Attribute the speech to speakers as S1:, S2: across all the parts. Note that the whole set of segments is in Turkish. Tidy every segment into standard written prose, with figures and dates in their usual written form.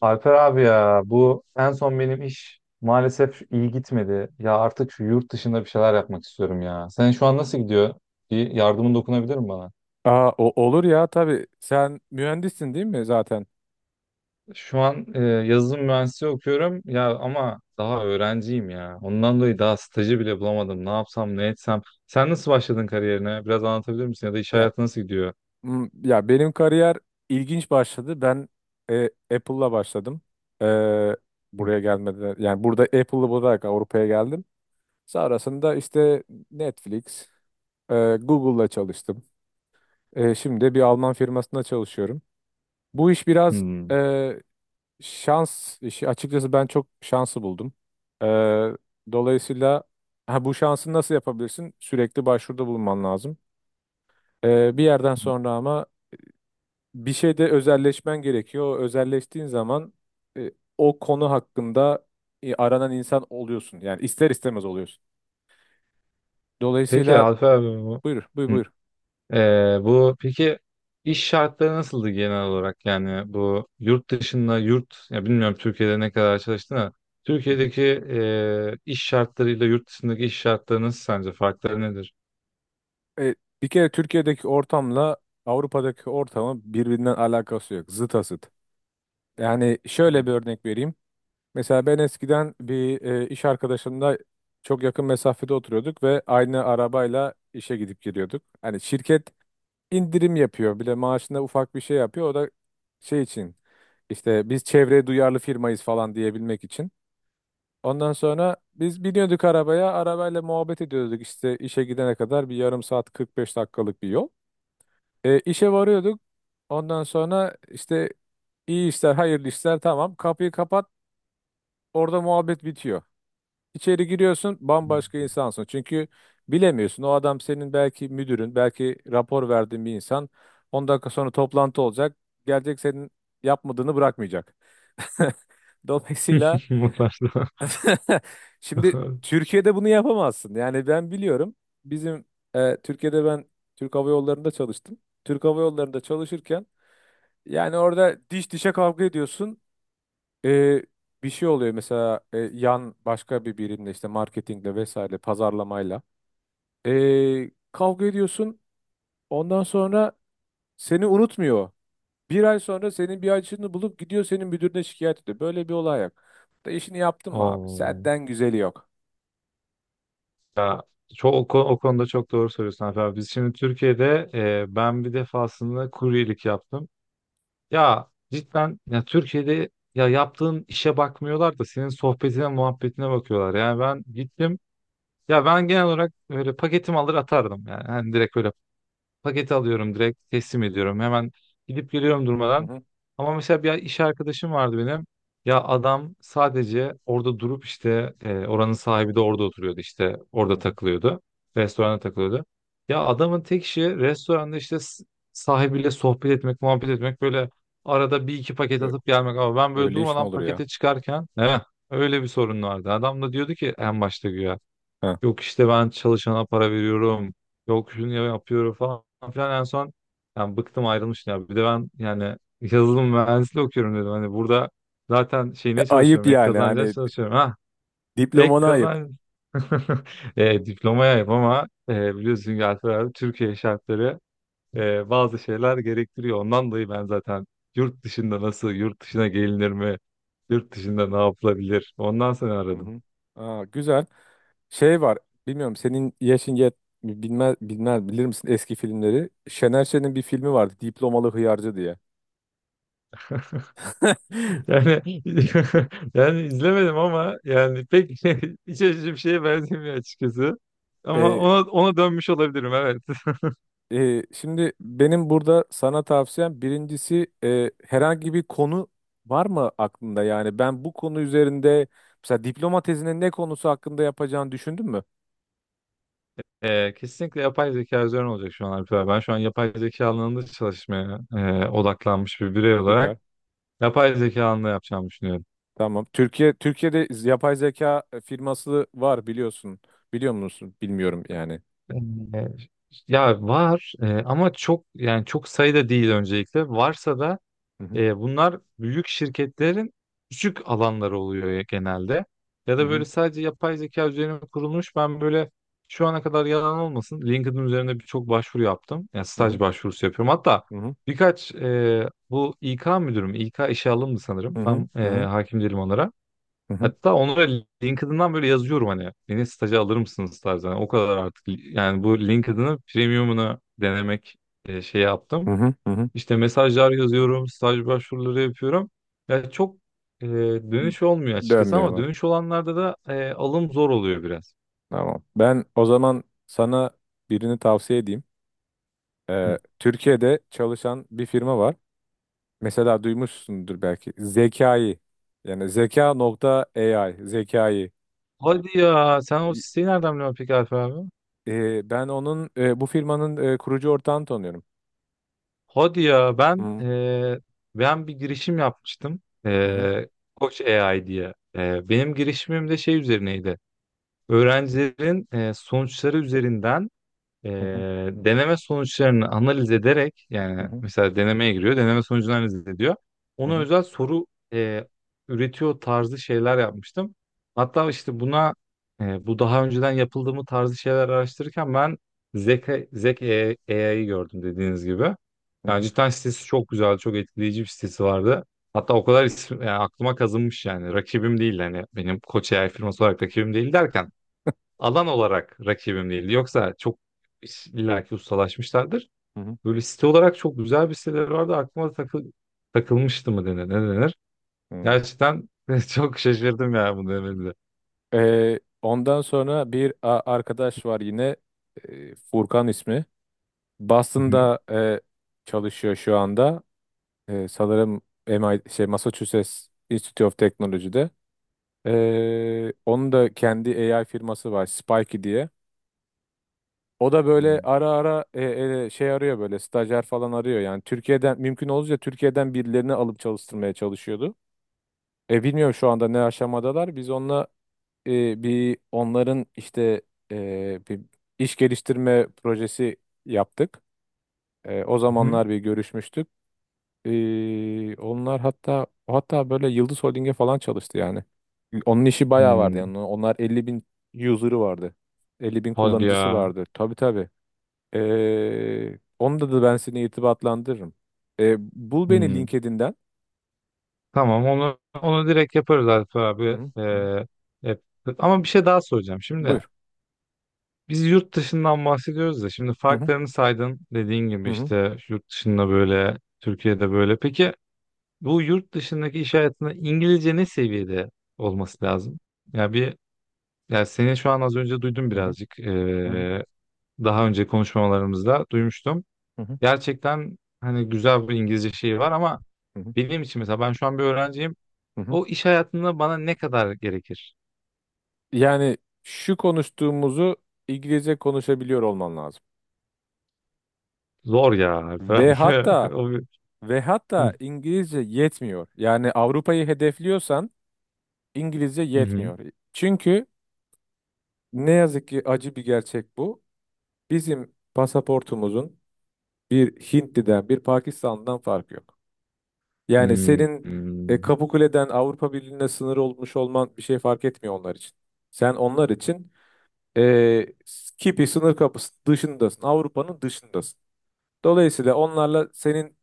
S1: Alper abi ya bu en son benim iş maalesef iyi gitmedi. Ya artık şu yurt dışında bir şeyler yapmak istiyorum ya. Senin şu an nasıl gidiyor? Bir yardımın dokunabilir mi bana?
S2: Aa, olur ya tabii. Sen mühendissin değil mi zaten?
S1: Şu an yazılım mühendisliği okuyorum ya ama daha öğrenciyim ya. Ondan dolayı daha stajı bile bulamadım. Ne yapsam ne etsem. Sen nasıl başladın kariyerine? Biraz anlatabilir misin? Ya da iş
S2: Ya
S1: hayatı nasıl gidiyor?
S2: ya benim kariyer ilginç başladı. Ben e, Apple'la başladım. E, Buraya gelmeden yani burada Apple'lı olarak Avrupa'ya geldim. Sonrasında işte Netflix, Google'la çalıştım. Şimdi de bir Alman firmasında çalışıyorum. Bu iş biraz
S1: Hmm.
S2: e, şans işi. Açıkçası ben çok şansı buldum. E, Dolayısıyla ha, bu şansı nasıl yapabilirsin? Sürekli başvuruda bulunman lazım. Bir yerden sonra ama bir şeyde özelleşmen gerekiyor. O özelleştiğin zaman e, o konu hakkında aranan insan oluyorsun. Yani ister istemez oluyorsun.
S1: Peki
S2: Dolayısıyla
S1: Alper abi bu.
S2: buyur, buyur,
S1: Hı.
S2: buyur.
S1: Bu peki iş şartları nasıldı genel olarak yani bu yurt dışında yurt ya bilmiyorum Türkiye'de ne kadar çalıştın ama
S2: Hı hı.
S1: Türkiye'deki iş şartlarıyla yurt dışındaki iş şartları nasıl sence farkları nedir?
S2: E, Bir kere Türkiye'deki ortamla Avrupa'daki ortamın birbirinden alakası yok. Zıt asıt. Yani
S1: Hmm.
S2: şöyle bir örnek vereyim. Mesela ben eskiden bir iş arkadaşımla çok yakın mesafede oturuyorduk ve aynı arabayla işe gidip geliyorduk. Hani şirket indirim yapıyor. Bir de maaşında ufak bir şey yapıyor. O da şey için işte biz çevreye duyarlı firmayız falan diyebilmek için. Ondan sonra biz biniyorduk arabaya. Arabayla muhabbet ediyorduk işte işe gidene kadar bir yarım saat 45 dakikalık bir yol. İşe varıyorduk. Ondan sonra işte iyi işler, hayırlı işler tamam. Kapıyı kapat. Orada muhabbet bitiyor. İçeri giriyorsun bambaşka insansın. Çünkü bilemiyorsun o adam senin belki müdürün, belki rapor verdiğin bir insan. 10 dakika sonra toplantı olacak. Gelecek senin yapmadığını bırakmayacak. Dolayısıyla
S1: Mutlaka.
S2: şimdi Türkiye'de bunu yapamazsın. Yani ben biliyorum bizim Türkiye'de ben Türk Hava Yolları'nda çalıştım. Türk Hava Yolları'nda çalışırken yani orada diş dişe kavga ediyorsun. E, Bir şey oluyor mesela yan başka bir birimle işte marketingle vesaire pazarlamayla. Kavga ediyorsun. Ondan sonra seni unutmuyor. Bir ay sonra senin bir açığını bulup gidiyor senin müdürüne şikayet ediyor. Böyle bir olay yok. Da işini yaptın mı abi?
S1: Oo.
S2: Senden güzeli yok.
S1: Ya çok o konuda çok doğru söylüyorsun Alper abi. Biz şimdi Türkiye'de ben bir defasında kuryelik yaptım. Ya cidden ya Türkiye'de ya yaptığın işe bakmıyorlar da senin sohbetine muhabbetine bakıyorlar. Yani ben gittim. Ya ben genel olarak öyle paketimi alır atardım yani. Hani direkt öyle paketi alıyorum, direkt teslim ediyorum. Hemen gidip geliyorum
S2: Hı
S1: durmadan.
S2: hı,
S1: Ama mesela bir iş arkadaşım vardı benim. Ya adam sadece orada durup işte oranın sahibi de orada oturuyordu, işte
S2: hı
S1: orada
S2: hı.
S1: takılıyordu. Restoranda takılıyordu. Ya adamın tek işi restoranda işte sahibiyle sohbet etmek, muhabbet etmek, böyle arada bir iki paket
S2: Ö-
S1: atıp gelmek. Ama ben böyle
S2: Öyle iş mi
S1: durmadan
S2: olur ya?
S1: pakete çıkarken, evet, öyle bir sorun vardı. Adam da diyordu ki en başta güya.
S2: Ha.
S1: Yok işte ben çalışana para veriyorum. Yok şunu yapıyorum falan filan. En son yani bıktım, ayrılmıştım ya. Bir de ben yani yazılım mühendisliği okuyorum dedim. Hani burada zaten şeyine
S2: Ayıp
S1: çalışıyorum. Ek
S2: yani
S1: kazanca
S2: hani
S1: çalışıyorum. Ha, ek
S2: diplomana ayıp.
S1: kazanç. Diplomaya ama biliyorsun ki Alper abi Türkiye şartları bazı şeyler gerektiriyor. Ondan dolayı ben zaten yurt dışında nasıl, yurt dışına gelinir mi, yurt dışında ne yapılabilir ondan sonra
S2: Hı
S1: aradım.
S2: hı. Aa, güzel. Şey var. Bilmiyorum senin yaşın yet bilmez bilmez bilir misin eski filmleri? Şener Şen'in bir filmi vardı. Diplomalı Hıyarcı diye.
S1: Yani yani izlemedim ama yani pek iç açıcı bir şeye benzemiyor açıkçası. Ama
S2: E,
S1: ona dönmüş olabilirim, evet.
S2: Şimdi benim burada sana tavsiyem birincisi herhangi bir konu var mı aklında? Yani ben bu konu üzerinde mesela diploma tezinin ne konusu hakkında yapacağını düşündün mü?
S1: Kesinlikle yapay zeka üzerine olacak şu an Alp abi. Ben şu an yapay zeka alanında çalışmaya odaklanmış bir birey
S2: Süper.
S1: olarak yapay zeka alanında yapacağımı düşünüyorum.
S2: Tamam. Türkiye'de yapay zeka firması var biliyorsun. Biliyor musun? Bilmiyorum yani.
S1: Ee, ya var ama çok yani çok sayıda değil öncelikle. Varsa da
S2: Hı
S1: E, bunlar büyük şirketlerin küçük alanları oluyor ya genelde. Ya da
S2: hı,
S1: böyle sadece yapay zeka üzerine kurulmuş. Ben böyle şu ana kadar yalan olmasın. LinkedIn üzerinde birçok başvuru yaptım. Yani
S2: hı hı,
S1: staj başvurusu yapıyorum. Hatta
S2: hı
S1: birkaç bu İK müdürüm, İK işe alımdı sanırım.
S2: hı, hı
S1: Tam
S2: hı, hı
S1: hakim değilim onlara.
S2: hı,
S1: Hatta onlara LinkedIn'dan böyle yazıyorum hani beni staja alır mısınız tarzı. Hani o kadar artık yani bu LinkedIn'ı premiumunu denemek şey
S2: hı
S1: yaptım.
S2: hı, hı hı.
S1: İşte mesajlar yazıyorum, staj başvuruları yapıyorum. Ya çok e, dönüş olmuyor açıkçası, ama
S2: Dönmüyorlar.
S1: dönüş olanlarda da alım zor oluyor biraz.
S2: Tamam. Ben o zaman sana birini tavsiye edeyim.
S1: Hı.
S2: Türkiye'de çalışan bir firma var. Mesela duymuşsundur belki. Zekayı. Yani zeka.ai. Zekayı.
S1: Hadi ya sen o siteyi nereden biliyorsun peki Alper abi?
S2: Ben onun bu firmanın kurucu ortağını tanıyorum.
S1: Hadi ya ben
S2: Hı
S1: ben bir girişim yapmıştım.
S2: hı, hı
S1: E, Koç AI diye. E, benim girişimim de şey üzerineydi. Öğrencilerin sonuçları üzerinden e,
S2: hı, hı
S1: deneme sonuçlarını analiz ederek, yani
S2: hı,
S1: mesela denemeye giriyor, deneme sonucunu analiz ediyor. Ona
S2: hı
S1: özel soru e, üretiyor tarzı şeyler yapmıştım. Hatta işte buna bu daha önceden yapıldığı mı tarzı şeyler araştırırken ben Zeka, Zek AI'yi gördüm dediğiniz gibi. Yani
S2: hı,
S1: cidden sitesi çok güzel, çok etkileyici bir sitesi vardı. Hatta o kadar isim, yani aklıma kazınmış yani. Rakibim değil hani benim Koç AI firması olarak rakibim değil derken alan olarak rakibim değil. Yoksa çok illaki ustalaşmışlardır.
S2: hı
S1: Böyle site olarak çok güzel bir siteleri vardı. Aklıma takılmıştı mı denir, ne denir?
S2: hı.
S1: Gerçekten çok şaşırdım ya bunu demenize.
S2: Ondan sonra bir arkadaş var yine, Furkan ismi.
S1: Hı hı.
S2: Boston'da çalışıyor şu anda. Sanırım MIT, şey, Massachusetts Institute of Technology'de. Onun da kendi AI firması var, Spikey diye. O da böyle ara ara şey arıyor böyle stajyer falan arıyor. Yani Türkiye'den mümkün olunca Türkiye'den birilerini alıp çalıştırmaya çalışıyordu. Bilmiyorum şu anda ne aşamadalar. Biz onunla bir onların işte bir iş geliştirme projesi yaptık. O
S1: Hı hı.
S2: zamanlar bir görüşmüştük. Onlar hatta böyle Yıldız Holding'e falan çalıştı yani. Onun işi bayağı vardı
S1: Hmm.
S2: yani. Onlar 50.000 user'ı vardı. 50.000
S1: Hadi
S2: kullanıcısı
S1: ya.
S2: vardı. Tabii tabii. Onda da ben seni irtibatlandırırım. Bul beni
S1: Hmm.
S2: LinkedIn'den.
S1: Tamam, onu direkt yaparız Alp
S2: Hı
S1: abi.
S2: hı, hı hı.
S1: Yap- Ama bir şey daha soracağım. Şimdi
S2: Buyur.
S1: biz yurt dışından bahsediyoruz da şimdi
S2: Hı hı,
S1: farklarını saydın dediğin
S2: hı
S1: gibi
S2: hı,
S1: işte yurt dışında böyle, Türkiye'de böyle. Peki bu yurt dışındaki iş hayatında İngilizce ne seviyede olması lazım? Ya bir ya seni şu an az önce duydum
S2: hı hı,
S1: birazcık.
S2: hı hı,
S1: Daha önce konuşmalarımızda duymuştum.
S2: hı hı,
S1: Gerçekten hani güzel bir İngilizce şeyi var ama
S2: hı hı,
S1: benim için mesela ben şu an bir öğrenciyim.
S2: hı hı.
S1: O iş hayatında bana ne kadar gerekir?
S2: Yani şu konuştuğumuzu İngilizce konuşabiliyor olman lazım.
S1: Zor ya falan.
S2: Ve hatta
S1: O bir-
S2: ve hatta
S1: Hı,
S2: İngilizce yetmiyor. Yani Avrupa'yı hedefliyorsan İngilizce
S1: hı,
S2: yetmiyor. Çünkü ne yazık ki acı bir gerçek bu. Bizim pasaportumuzun bir Hintli'den, bir Pakistan'dan farkı yok. Yani
S1: hı,
S2: senin
S1: hı,
S2: Kapıkule'den Avrupa Birliği'ne sınır olmuş olman bir şey fark etmiyor onlar için. Sen onlar için e, Kipi sınır kapısı dışındasın. Avrupa'nın dışındasın. Dolayısıyla onlarla senin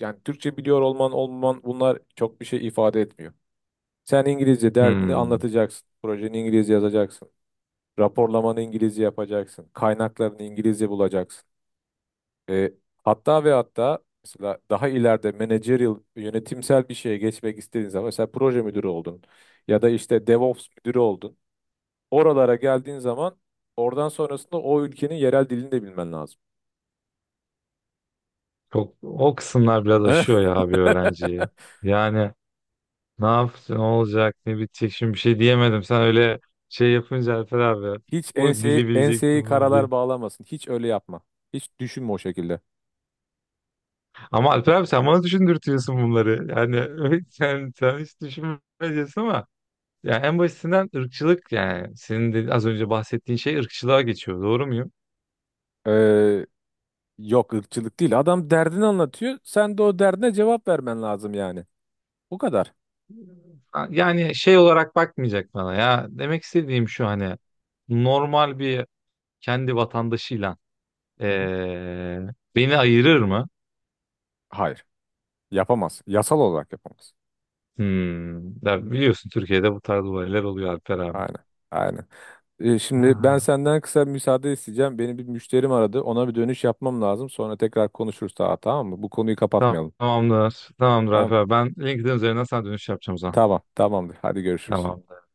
S2: yani Türkçe biliyor olman olmaman bunlar çok bir şey ifade etmiyor. Sen İngilizce
S1: hı,
S2: derdini
S1: hı.
S2: anlatacaksın. Projeni İngilizce yazacaksın. Raporlamanı İngilizce yapacaksın. Kaynaklarını İngilizce bulacaksın. E, Hatta ve hatta mesela daha ileride managerial yönetimsel bir şeye geçmek istediğin zaman mesela proje müdürü oldun ya da işte DevOps müdürü oldun. Oralara geldiğin zaman oradan sonrasında o ülkenin yerel dilini de bilmen lazım.
S1: Çok o kısımlar biraz aşıyor ya bir öğrenciyi. Yani ne yaptın? Olacak? Ne bitecek? Şimdi bir şey diyemedim. Sen öyle şey yapınca Alper abi.
S2: Hiç
S1: O dili
S2: enseyi,
S1: bileceksin,
S2: enseyi
S1: bunu
S2: karalar
S1: bileceksin.
S2: bağlamasın. Hiç öyle yapma. Hiç düşünme o şekilde.
S1: Ama Alper abi sen bana düşündürtüyorsun bunları. Yani sen hiç düşünmeyeceksin ama yani en basitinden ırkçılık, yani senin de az önce bahsettiğin şey ırkçılığa geçiyor. Doğru muyum?
S2: Ee, Yok ırkçılık değil. Adam derdini anlatıyor. Sen de o derdine cevap vermen lazım yani. Bu kadar.
S1: Yani şey olarak bakmayacak bana ya. Demek istediğim şu, hani normal bir kendi vatandaşıyla
S2: Hı hı.
S1: eee, beni ayırır mı?
S2: Hayır. Yapamaz. Yasal olarak yapamaz.
S1: Hmm. Ya
S2: Hı.
S1: biliyorsun Türkiye'de bu tarz olaylar oluyor Alper abi.
S2: Aynen. Aynen. Şimdi ben
S1: Ha.
S2: senden kısa bir müsaade isteyeceğim. Beni bir müşterim aradı. Ona bir dönüş yapmam lazım. Sonra tekrar konuşuruz daha tamam mı? Bu konuyu kapatmayalım.
S1: Tamamdır. Tamamdır
S2: Tamam.
S1: Alper abi. Ben LinkedIn üzerinden sana dönüş yapacağım o zaman.
S2: Tamam. Tamamdır. Hadi görüşürüz.
S1: Tamamdır.